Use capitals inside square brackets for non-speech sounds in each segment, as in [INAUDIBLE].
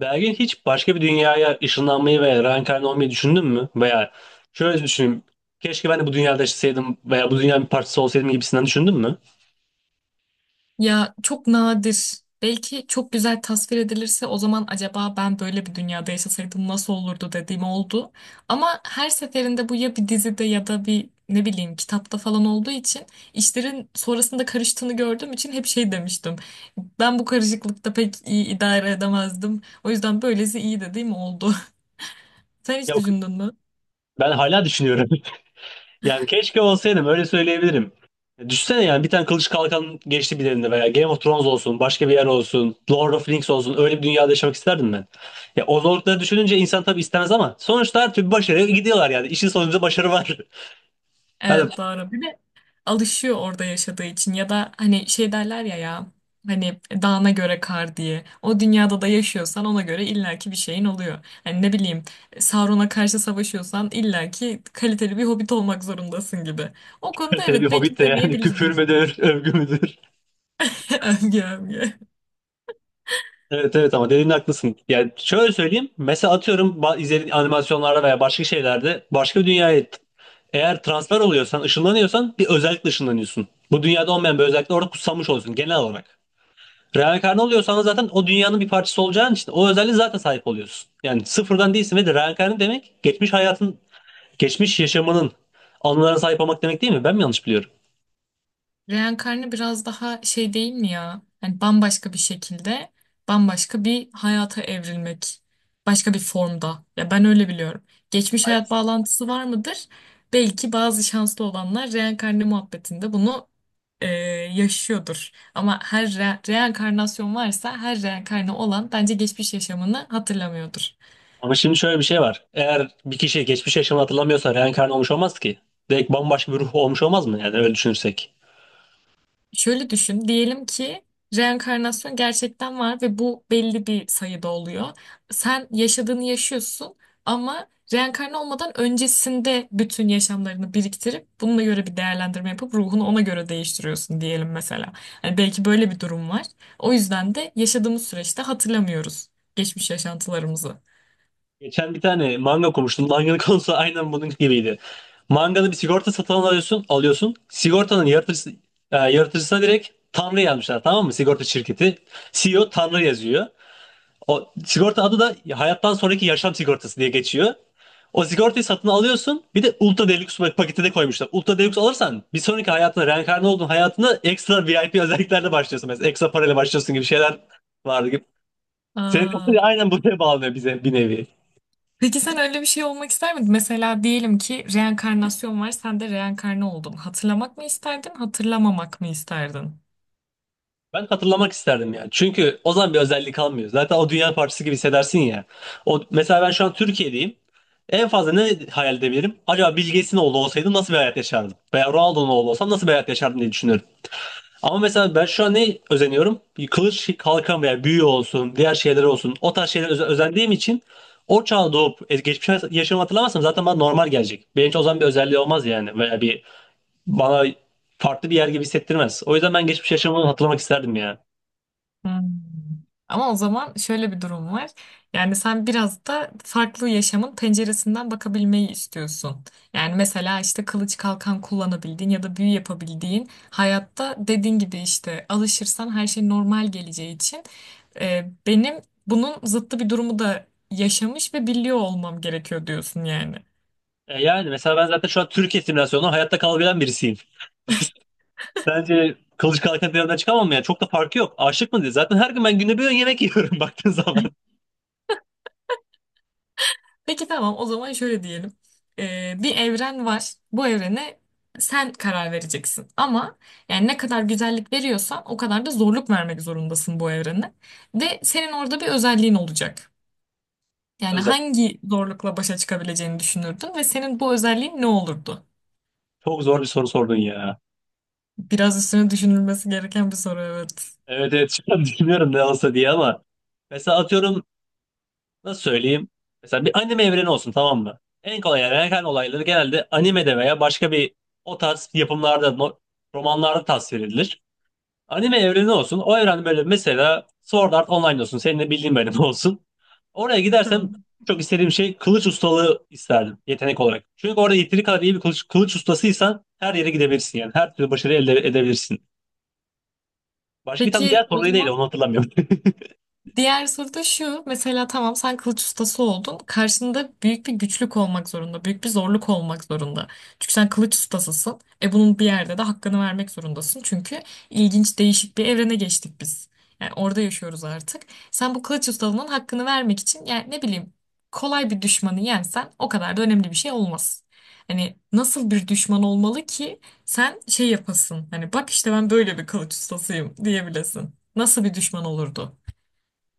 Belki hiç başka bir dünyaya ışınlanmayı veya reenkarne olmayı düşündün mü? Veya şöyle düşünün. Keşke ben de bu dünyada yaşasaydım veya bu dünyanın bir parçası olsaydım gibisinden düşündün mü? Ya çok nadir. Belki çok güzel tasvir edilirse o zaman acaba ben böyle bir dünyada yaşasaydım nasıl olurdu dediğim oldu. Ama her seferinde bu ya bir dizide ya da bir ne bileyim kitapta falan olduğu için işlerin sonrasında karıştığını gördüğüm için hep şey demiştim. Ben bu karışıklıkta pek iyi idare edemezdim. O yüzden böylesi iyi dediğim oldu. [LAUGHS] Sen hiç Yok, düşündün mü? ben hala düşünüyorum. [LAUGHS] Yani keşke olsaydım öyle söyleyebilirim. Düşünsene, yani bir tane kılıç kalkan geçti bir elinde veya Game of Thrones olsun, başka bir yer olsun, Lord of the Rings olsun, öyle bir dünyada yaşamak isterdim ben. Ya o zorlukları düşününce insan tabii istemez ama sonuçta her türlü başarıya gidiyorlar yani. İşin sonunda başarı var. Evet, [LAUGHS] doğru. Alışıyor orada yaşadığı için ya da hani şey derler ya hani dağına göre kar diye. O dünyada da yaşıyorsan ona göre illaki bir şeyin oluyor. Hani ne bileyim, Sauron'a karşı savaşıyorsan illaki kaliteli bir hobbit olmak zorundasın gibi. O konuda Yani bir evet, hobbit belki de, yani küfür deneyebilirdim. müdür, övgü müdür? [LAUGHS] Övgü, övgü. Evet, evet, ama dediğin, haklısın. Yani şöyle söyleyeyim. Mesela atıyorum, izlediğin animasyonlarda veya başka şeylerde başka bir dünyaya eğer transfer oluyorsan, ışınlanıyorsan, bir özellikle ışınlanıyorsun. Bu dünyada olmayan bir özellikle orada kutsanmış oluyorsun genel olarak. Reenkarnı oluyorsan da zaten o dünyanın bir parçası olacağın için o özelliğe zaten sahip oluyorsun. Yani sıfırdan değilsin ve de reenkarnı demek geçmiş hayatın, geçmiş yaşamının anılarına sahip olmak demek, değil mi? Ben mi yanlış biliyorum? Reenkarnı biraz daha şey değil mi ya? Yani bambaşka bir şekilde, bambaşka bir hayata evrilmek. Başka bir formda. Ya ben öyle biliyorum. Geçmiş hayat bağlantısı var mıdır? Belki bazı şanslı olanlar reenkarnı muhabbetinde bunu e, yaşıyordur. Ama her reenkarnasyon varsa her reenkarnı olan bence geçmiş yaşamını hatırlamıyordur. Ama şimdi şöyle bir şey var. Eğer bir kişi geçmiş yaşamını hatırlamıyorsa reenkarnı olmuş olmaz ki. Direkt bambaşka bir ruh olmuş olmaz mı? Yani öyle düşünürsek. Şöyle düşün, diyelim ki reenkarnasyon gerçekten var ve bu belli bir sayıda oluyor. Sen yaşadığını yaşıyorsun ama reenkarne olmadan öncesinde bütün yaşamlarını biriktirip bununla göre bir değerlendirme yapıp ruhunu ona göre değiştiriyorsun diyelim mesela. Hani belki böyle bir durum var. O yüzden de yaşadığımız süreçte hatırlamıyoruz geçmiş yaşantılarımızı. Geçen bir tane manga okumuştum. Manganın [LAUGHS] konusu aynen bunun gibiydi. Mangada bir sigorta satın alıyorsun. Yaratıcısına direkt Tanrı yazmışlar, tamam mı? Sigorta şirketi. CEO Tanrı yazıyor. O sigorta adı da hayattan sonraki yaşam sigortası diye geçiyor. O sigortayı satın alıyorsun. Bir de Ultra Deluxe paketi de koymuşlar. Ultra Deluxe alırsan bir sonraki hayatına, reenkarne olduğun hayatına ekstra VIP özelliklerle başlıyorsun. Mesela ekstra parayla başlıyorsun gibi şeyler vardı gibi. Senin [LAUGHS] Aa. aynen buraya bağlanıyor, bize bir nevi. Peki sen öyle bir şey olmak ister miydin? Mesela diyelim ki reenkarnasyon var, sen de reenkarne oldun. Hatırlamak mı isterdin, hatırlamamak mı isterdin? Ben hatırlamak isterdim yani. Çünkü o zaman bir özellik kalmıyor. Zaten o dünya parçası gibi hissedersin ya. O, mesela ben şu an Türkiye'deyim. En fazla ne hayal edebilirim? Acaba Bill Gates'in oğlu olsaydım nasıl bir hayat yaşardım? Veya Ronaldo'nun oğlu olsam nasıl bir hayat yaşardım diye düşünüyorum. Ama mesela ben şu an ne özeniyorum? Bir kılıç, kalkan veya büyü olsun, diğer şeyler olsun. O tarz şeylere özendiğim için o çağa doğup geçmiş yaşamı hatırlamazsam zaten bana normal gelecek. Benim için o zaman bir özelliği olmaz yani. Veya bir bana farklı bir yer gibi hissettirmez. O yüzden ben geçmiş yaşamımı hatırlamak isterdim ya. Hmm. Ama o zaman şöyle bir durum var. Yani sen biraz da farklı yaşamın penceresinden bakabilmeyi istiyorsun. Yani mesela işte kılıç kalkan kullanabildiğin ya da büyü yapabildiğin hayatta dediğin gibi işte alışırsan her şey normal geleceği için benim bunun zıttı bir durumu da yaşamış ve biliyor olmam gerekiyor diyorsun yani. E yani mesela ben zaten şu an Türkiye simülasyonunda hayatta kalabilen birisiyim. [LAUGHS] Sence kılıç kalkan teorinden çıkamam mı ya? Çok da farkı yok. Aşık mı diye. Zaten her gün ben günde bir öğün yemek yiyorum [LAUGHS] baktığın zaman. Peki tamam, o zaman şöyle diyelim. Bir evren var. Bu evrene sen karar vereceksin. Ama yani ne kadar güzellik veriyorsan o kadar da zorluk vermek zorundasın bu evrene. Ve senin orada bir özelliğin olacak. Yani Özel. hangi zorlukla başa çıkabileceğini düşünürdün ve senin bu özelliğin ne olurdu? Çok zor bir soru sordun ya. Biraz üstüne düşünülmesi gereken bir soru, evet. Evet, evet, şu an [LAUGHS] düşünüyorum ne olsa diye ama mesela atıyorum, nasıl söyleyeyim, mesela bir anime evreni olsun, tamam mı? En kolay erken olayları genelde animede veya başka bir o tarz yapımlarda, romanlarda tasvir edilir. Anime evreni olsun, o evren böyle, mesela Sword Art Online olsun, senin de bildiğin, benim [LAUGHS] olsun. Oraya gidersem Tamam. çok istediğim şey, kılıç ustalığı isterdim yetenek olarak. Çünkü orada yeteri kadar iyi bir kılıç ustasıysan her yere gidebilirsin yani, her türlü başarı elde edebilirsin. Başka bir tane diğer Peki o soruyu değil, zaman, onu hatırlamıyorum. [LAUGHS] diğer soru da şu. Mesela tamam, sen kılıç ustası oldun. Karşında büyük bir güçlük olmak zorunda. Büyük bir zorluk olmak zorunda. Çünkü sen kılıç ustasısın. E bunun bir yerde de hakkını vermek zorundasın. Çünkü ilginç değişik bir evrene geçtik biz. Yani orada yaşıyoruz artık. Sen bu kılıç ustalığının hakkını vermek için yani ne bileyim, kolay bir düşmanı yensen o kadar da önemli bir şey olmaz. Hani nasıl bir düşman olmalı ki sen şey yapasın. Hani bak işte ben böyle bir kılıç ustasıyım diyebilesin. Nasıl bir düşman olurdu?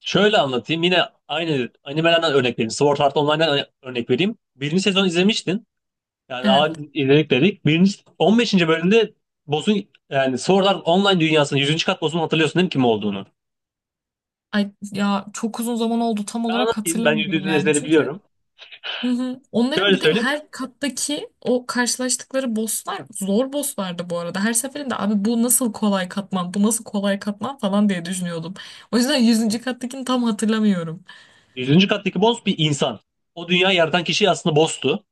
Şöyle anlatayım. Yine aynı animelerden örnek vereyim. Sword Art Online'dan örnek vereyim. Birinci sezon izlemiştin. Yani Evet. ağır izledik dedik. Birinci, 15. bölümde boss'un, yani Sword Art Online dünyasının 100. kat boss'unu hatırlıyorsun değil mi kim olduğunu? Ay ya çok uzun zaman oldu, tam Ben olarak anlatayım. Ben yüzde hatırlamıyorum yüzün yani, ezberi çünkü biliyorum. hı hı. Onların Şöyle bir de söyleyeyim. her kattaki o karşılaştıkları bosslar zor bosslardı bu arada. Her seferinde abi bu nasıl kolay katman, bu nasıl kolay katman falan diye düşünüyordum. O yüzden yüzüncü kattakini tam hatırlamıyorum. 100. kattaki boss bir insan. O dünyayı yaratan kişi aslında boss'tu.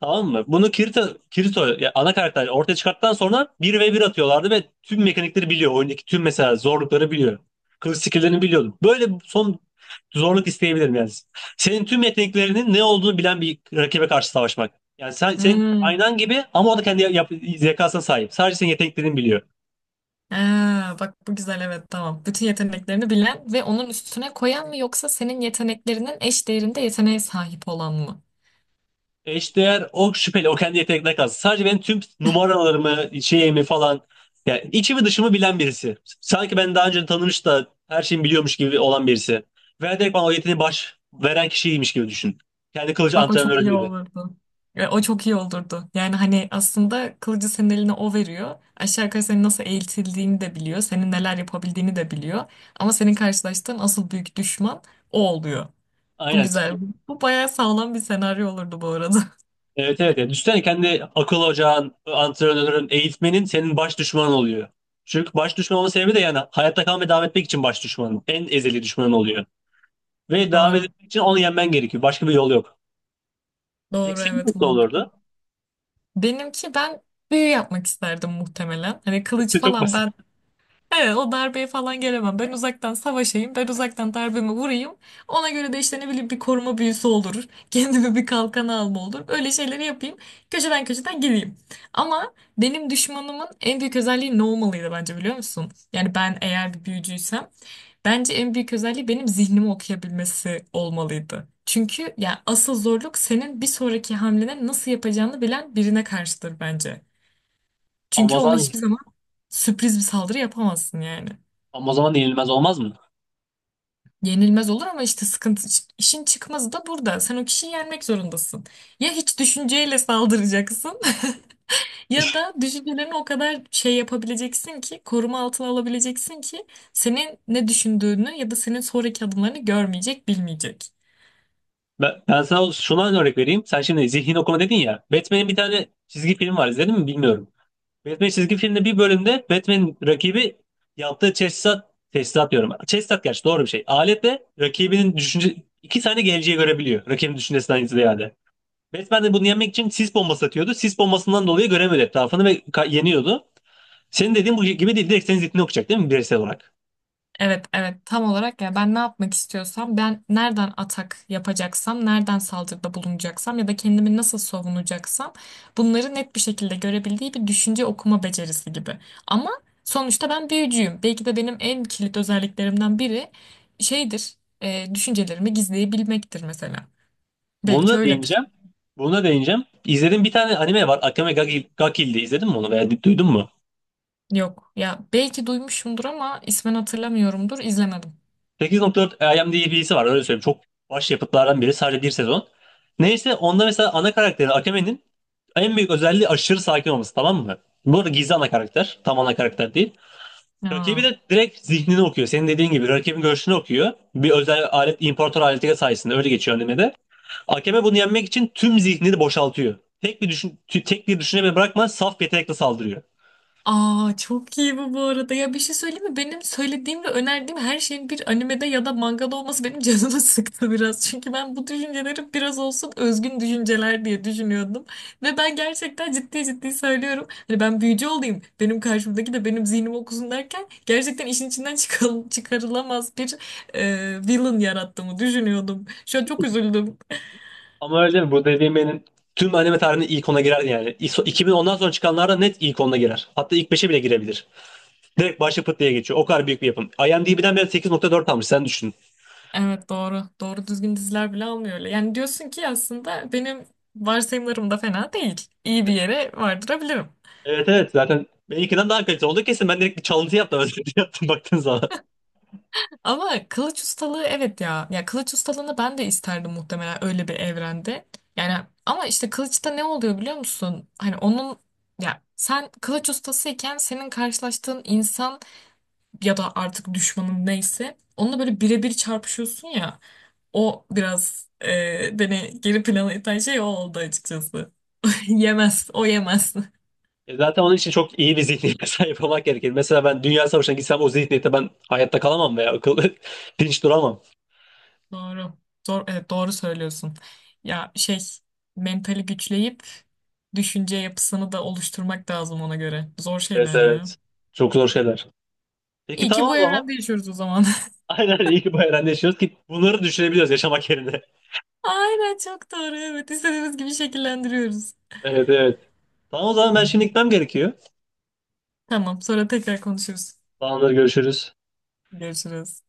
Tamam mı? Bunu Kirito ya, ana karakter ortaya çıkarttıktan sonra bir ve bir atıyorlardı ve tüm mekanikleri biliyor. Oyundaki tüm mesela zorlukları biliyor. Kılıç skill'lerini biliyordum. Böyle son zorluk isteyebilirim yani. Senin tüm yeteneklerinin ne olduğunu bilen bir rakibe karşı savaşmak. Yani sen, senin Hmm. aynan gibi ama o da kendi zekasına sahip. Sadece senin yeteneklerini biliyor. Aa, bak bu güzel, evet tamam. Bütün yeteneklerini bilen ve onun üstüne koyan mı yoksa senin yeteneklerinin eş değerinde yeteneğe sahip olan mı? Eşdeğer o şüpheli, o kendi yeteneklerine kalsın. Sadece benim tüm numaralarımı, şeyimi falan, yani içimi dışımı bilen birisi. Sanki ben daha önce tanımış da her şeyi biliyormuş gibi olan birisi. Veya direkt bana o yeteneği baş veren kişiymiş gibi düşün. Kendi kılıcı Bak o çok antrenörün iyi gibi. olurdu. E, o çok iyi olurdu. Yani hani aslında kılıcı senin eline o veriyor. Aşağı yukarı senin nasıl eğitildiğini de biliyor. Senin neler yapabildiğini de biliyor. Ama senin karşılaştığın asıl büyük düşman o oluyor. Bu Aynen. güzel. Bu bayağı sağlam bir senaryo olurdu bu arada. Evet, evet. Yani düşünsene, kendi akıl ocağın, antrenörün, eğitmenin senin baş düşmanın oluyor. Çünkü baş düşman olma sebebi de, yani hayatta kalmaya devam etmek için baş düşmanın. En ezeli düşmanın oluyor. Ve [LAUGHS] devam Doğru. etmek için onu yenmen gerekiyor. Başka bir yol yok. Peki Doğru senin evet, nasıl mantıklı. olurdu? Benimki, ben büyü yapmak isterdim muhtemelen. Hani kılıç [LAUGHS] Çok falan basit. ben evet, o darbeye falan gelemem. Ben uzaktan savaşayım, ben uzaktan darbemi vurayım. Ona göre de işte ne bileyim bir koruma büyüsü olur. [LAUGHS] Kendime bir kalkanı alma olur. Öyle şeyleri yapayım. Köşeden köşeden geleyim. Ama benim düşmanımın en büyük özelliği ne olmalıydı bence biliyor musun? Yani ben eğer bir büyücüysem bence en büyük özelliği benim zihnimi okuyabilmesi olmalıydı. Çünkü yani asıl zorluk senin bir sonraki hamlene nasıl yapacağını bilen birine karşıdır bence. Çünkü onu Amazon hiçbir zaman sürpriz bir saldırı yapamazsın yani. Amazon yenilmez olmaz mı? Yenilmez olur ama işte sıkıntı, işin çıkmazı da burada. Sen o kişiyi yenmek zorundasın. Ya hiç düşünceyle saldıracaksın [LAUGHS] ya da düşüncelerini o kadar şey yapabileceksin ki, koruma altına alabileceksin ki senin ne düşündüğünü ya da senin sonraki adımlarını görmeyecek, bilmeyecek. Ben sana şuna örnek vereyim. Sen şimdi zihin okuma dedin ya. Batman'in bir tane çizgi film var. İzledin mi bilmiyorum. Batman çizgi filmde bir bölümde Batman'in rakibi yaptığı teçhizat, teçhizat diyorum. Teçhizat gerçi doğru bir şey. Aletle rakibinin düşünce iki tane geleceği görebiliyor. Rakibin düşüncesinden ziyade. Batman de bunu yenmek için sis bombası atıyordu. Sis bombasından dolayı göremiyordu etrafını ve yeniyordu. Senin dediğin bu gibi değil. Direkt senin zihnini okuyacak değil mi bireysel olarak? Evet, evet, tam olarak ya ben ne yapmak istiyorsam, ben nereden atak yapacaksam, nereden saldırıda bulunacaksam ya da kendimi nasıl savunacaksam bunları net bir şekilde görebildiği bir düşünce okuma becerisi gibi. Ama sonuçta ben büyücüyüm. Belki de benim en kilit özelliklerimden biri şeydir, düşüncelerimi gizleyebilmektir mesela. Bunu Belki da öyledir. değineceğim. Bunu da değineceğim. İzlediğim bir tane anime var. Akame ga Kill diye. İzledin mi onu veya duydun mu? Yok ya, belki duymuşumdur ama ismen hatırlamıyorumdur, izlemedim. 8.4 IMDb'si var, öyle söyleyeyim. Çok başyapıtlardan biri. Sadece bir sezon. Neyse, onda mesela ana karakteri Akame'nin en büyük özelliği aşırı sakin olması, tamam mı? Bu arada gizli ana karakter. Tam ana karakter değil. Rakibi Ya. de direkt zihnini okuyor. Senin dediğin gibi rakibin görüşünü okuyor. Bir özel alet, imparator aleti sayesinde öyle geçiyor animede. Akame bunu yenmek için tüm zihnini boşaltıyor. Tek bir tek bir düşünce bile bırakmadan saf yetenekle saldırıyor. Aa çok iyi bu bu arada. Ya bir şey söyleyeyim mi? Benim söylediğim ve önerdiğim her şeyin bir animede ya da mangada olması benim canımı [LAUGHS] sıktı biraz. Çünkü ben bu düşünceleri biraz olsun özgün düşünceler diye düşünüyordum. Ve ben gerçekten ciddi ciddi söylüyorum. Hani ben büyücü olayım. Benim karşımdaki de benim zihnimi okusun derken gerçekten işin içinden çıkarılamaz bir villain yarattığımı düşünüyordum. Şu an çok üzüldüm. Ama öyle değil mi? Bu dediğim benim, tüm anime tarihinin ilk ona girer yani. 2010'dan sonra çıkanlarda net ilk ona girer. Hatta ilk beşe bile girebilir. Direkt başı pıt diye geçiyor. O kadar büyük bir yapım. IMDb'den beri 8.4 almış, sen düşün. Evet, doğru. Doğru düzgün diziler bile almıyor öyle. Yani diyorsun ki aslında benim varsayımlarım da fena değil. İyi bir yere vardırabilirim. Evet, evet, zaten benimkinden daha kaliteli oldu kesin. Ben direkt bir çalıntı yaptım. [LAUGHS] Özür yaptım baktığın zaman. Ama kılıç ustalığı evet ya. Ya kılıç ustalığını ben de isterdim muhtemelen öyle bir evrende. Yani ama işte kılıçta ne oluyor biliyor musun? Hani onun, ya sen kılıç ustasıyken senin karşılaştığın insan ya da artık düşmanın neyse onunla böyle birebir çarpışıyorsun ya. O biraz beni geri plana iten şey o oldu açıkçası. [LAUGHS] Yemez. O yemez. E zaten onun için çok iyi bir zihniyete [LAUGHS] sahip olmak gerekir. Mesela ben Dünya Savaşı'na gitsem o zihniyette ben hayatta kalamam veya akıl [LAUGHS] dinç duramam. Doğru. Doğru, evet, doğru söylüyorsun. Ya şey, mentali güçleyip düşünce yapısını da oluşturmak lazım ona göre. Zor Evet, şeyler ya. evet. Çok zor şeyler. Peki, İyi ki tamam bu o zaman. evrende yaşıyoruz o zaman. Aynen, iyi ki bu evrende yaşıyoruz ki bunları düşünebiliyoruz yaşamak yerine. [LAUGHS] [LAUGHS] Aynen, çok doğru. Evet, istediğimiz gibi şekillendiriyoruz. Evet, evet. Tamam o zaman, ben şimdi gitmem gerekiyor. Tamam, sonra tekrar konuşuruz. Tamamdır, görüşürüz. Görüşürüz.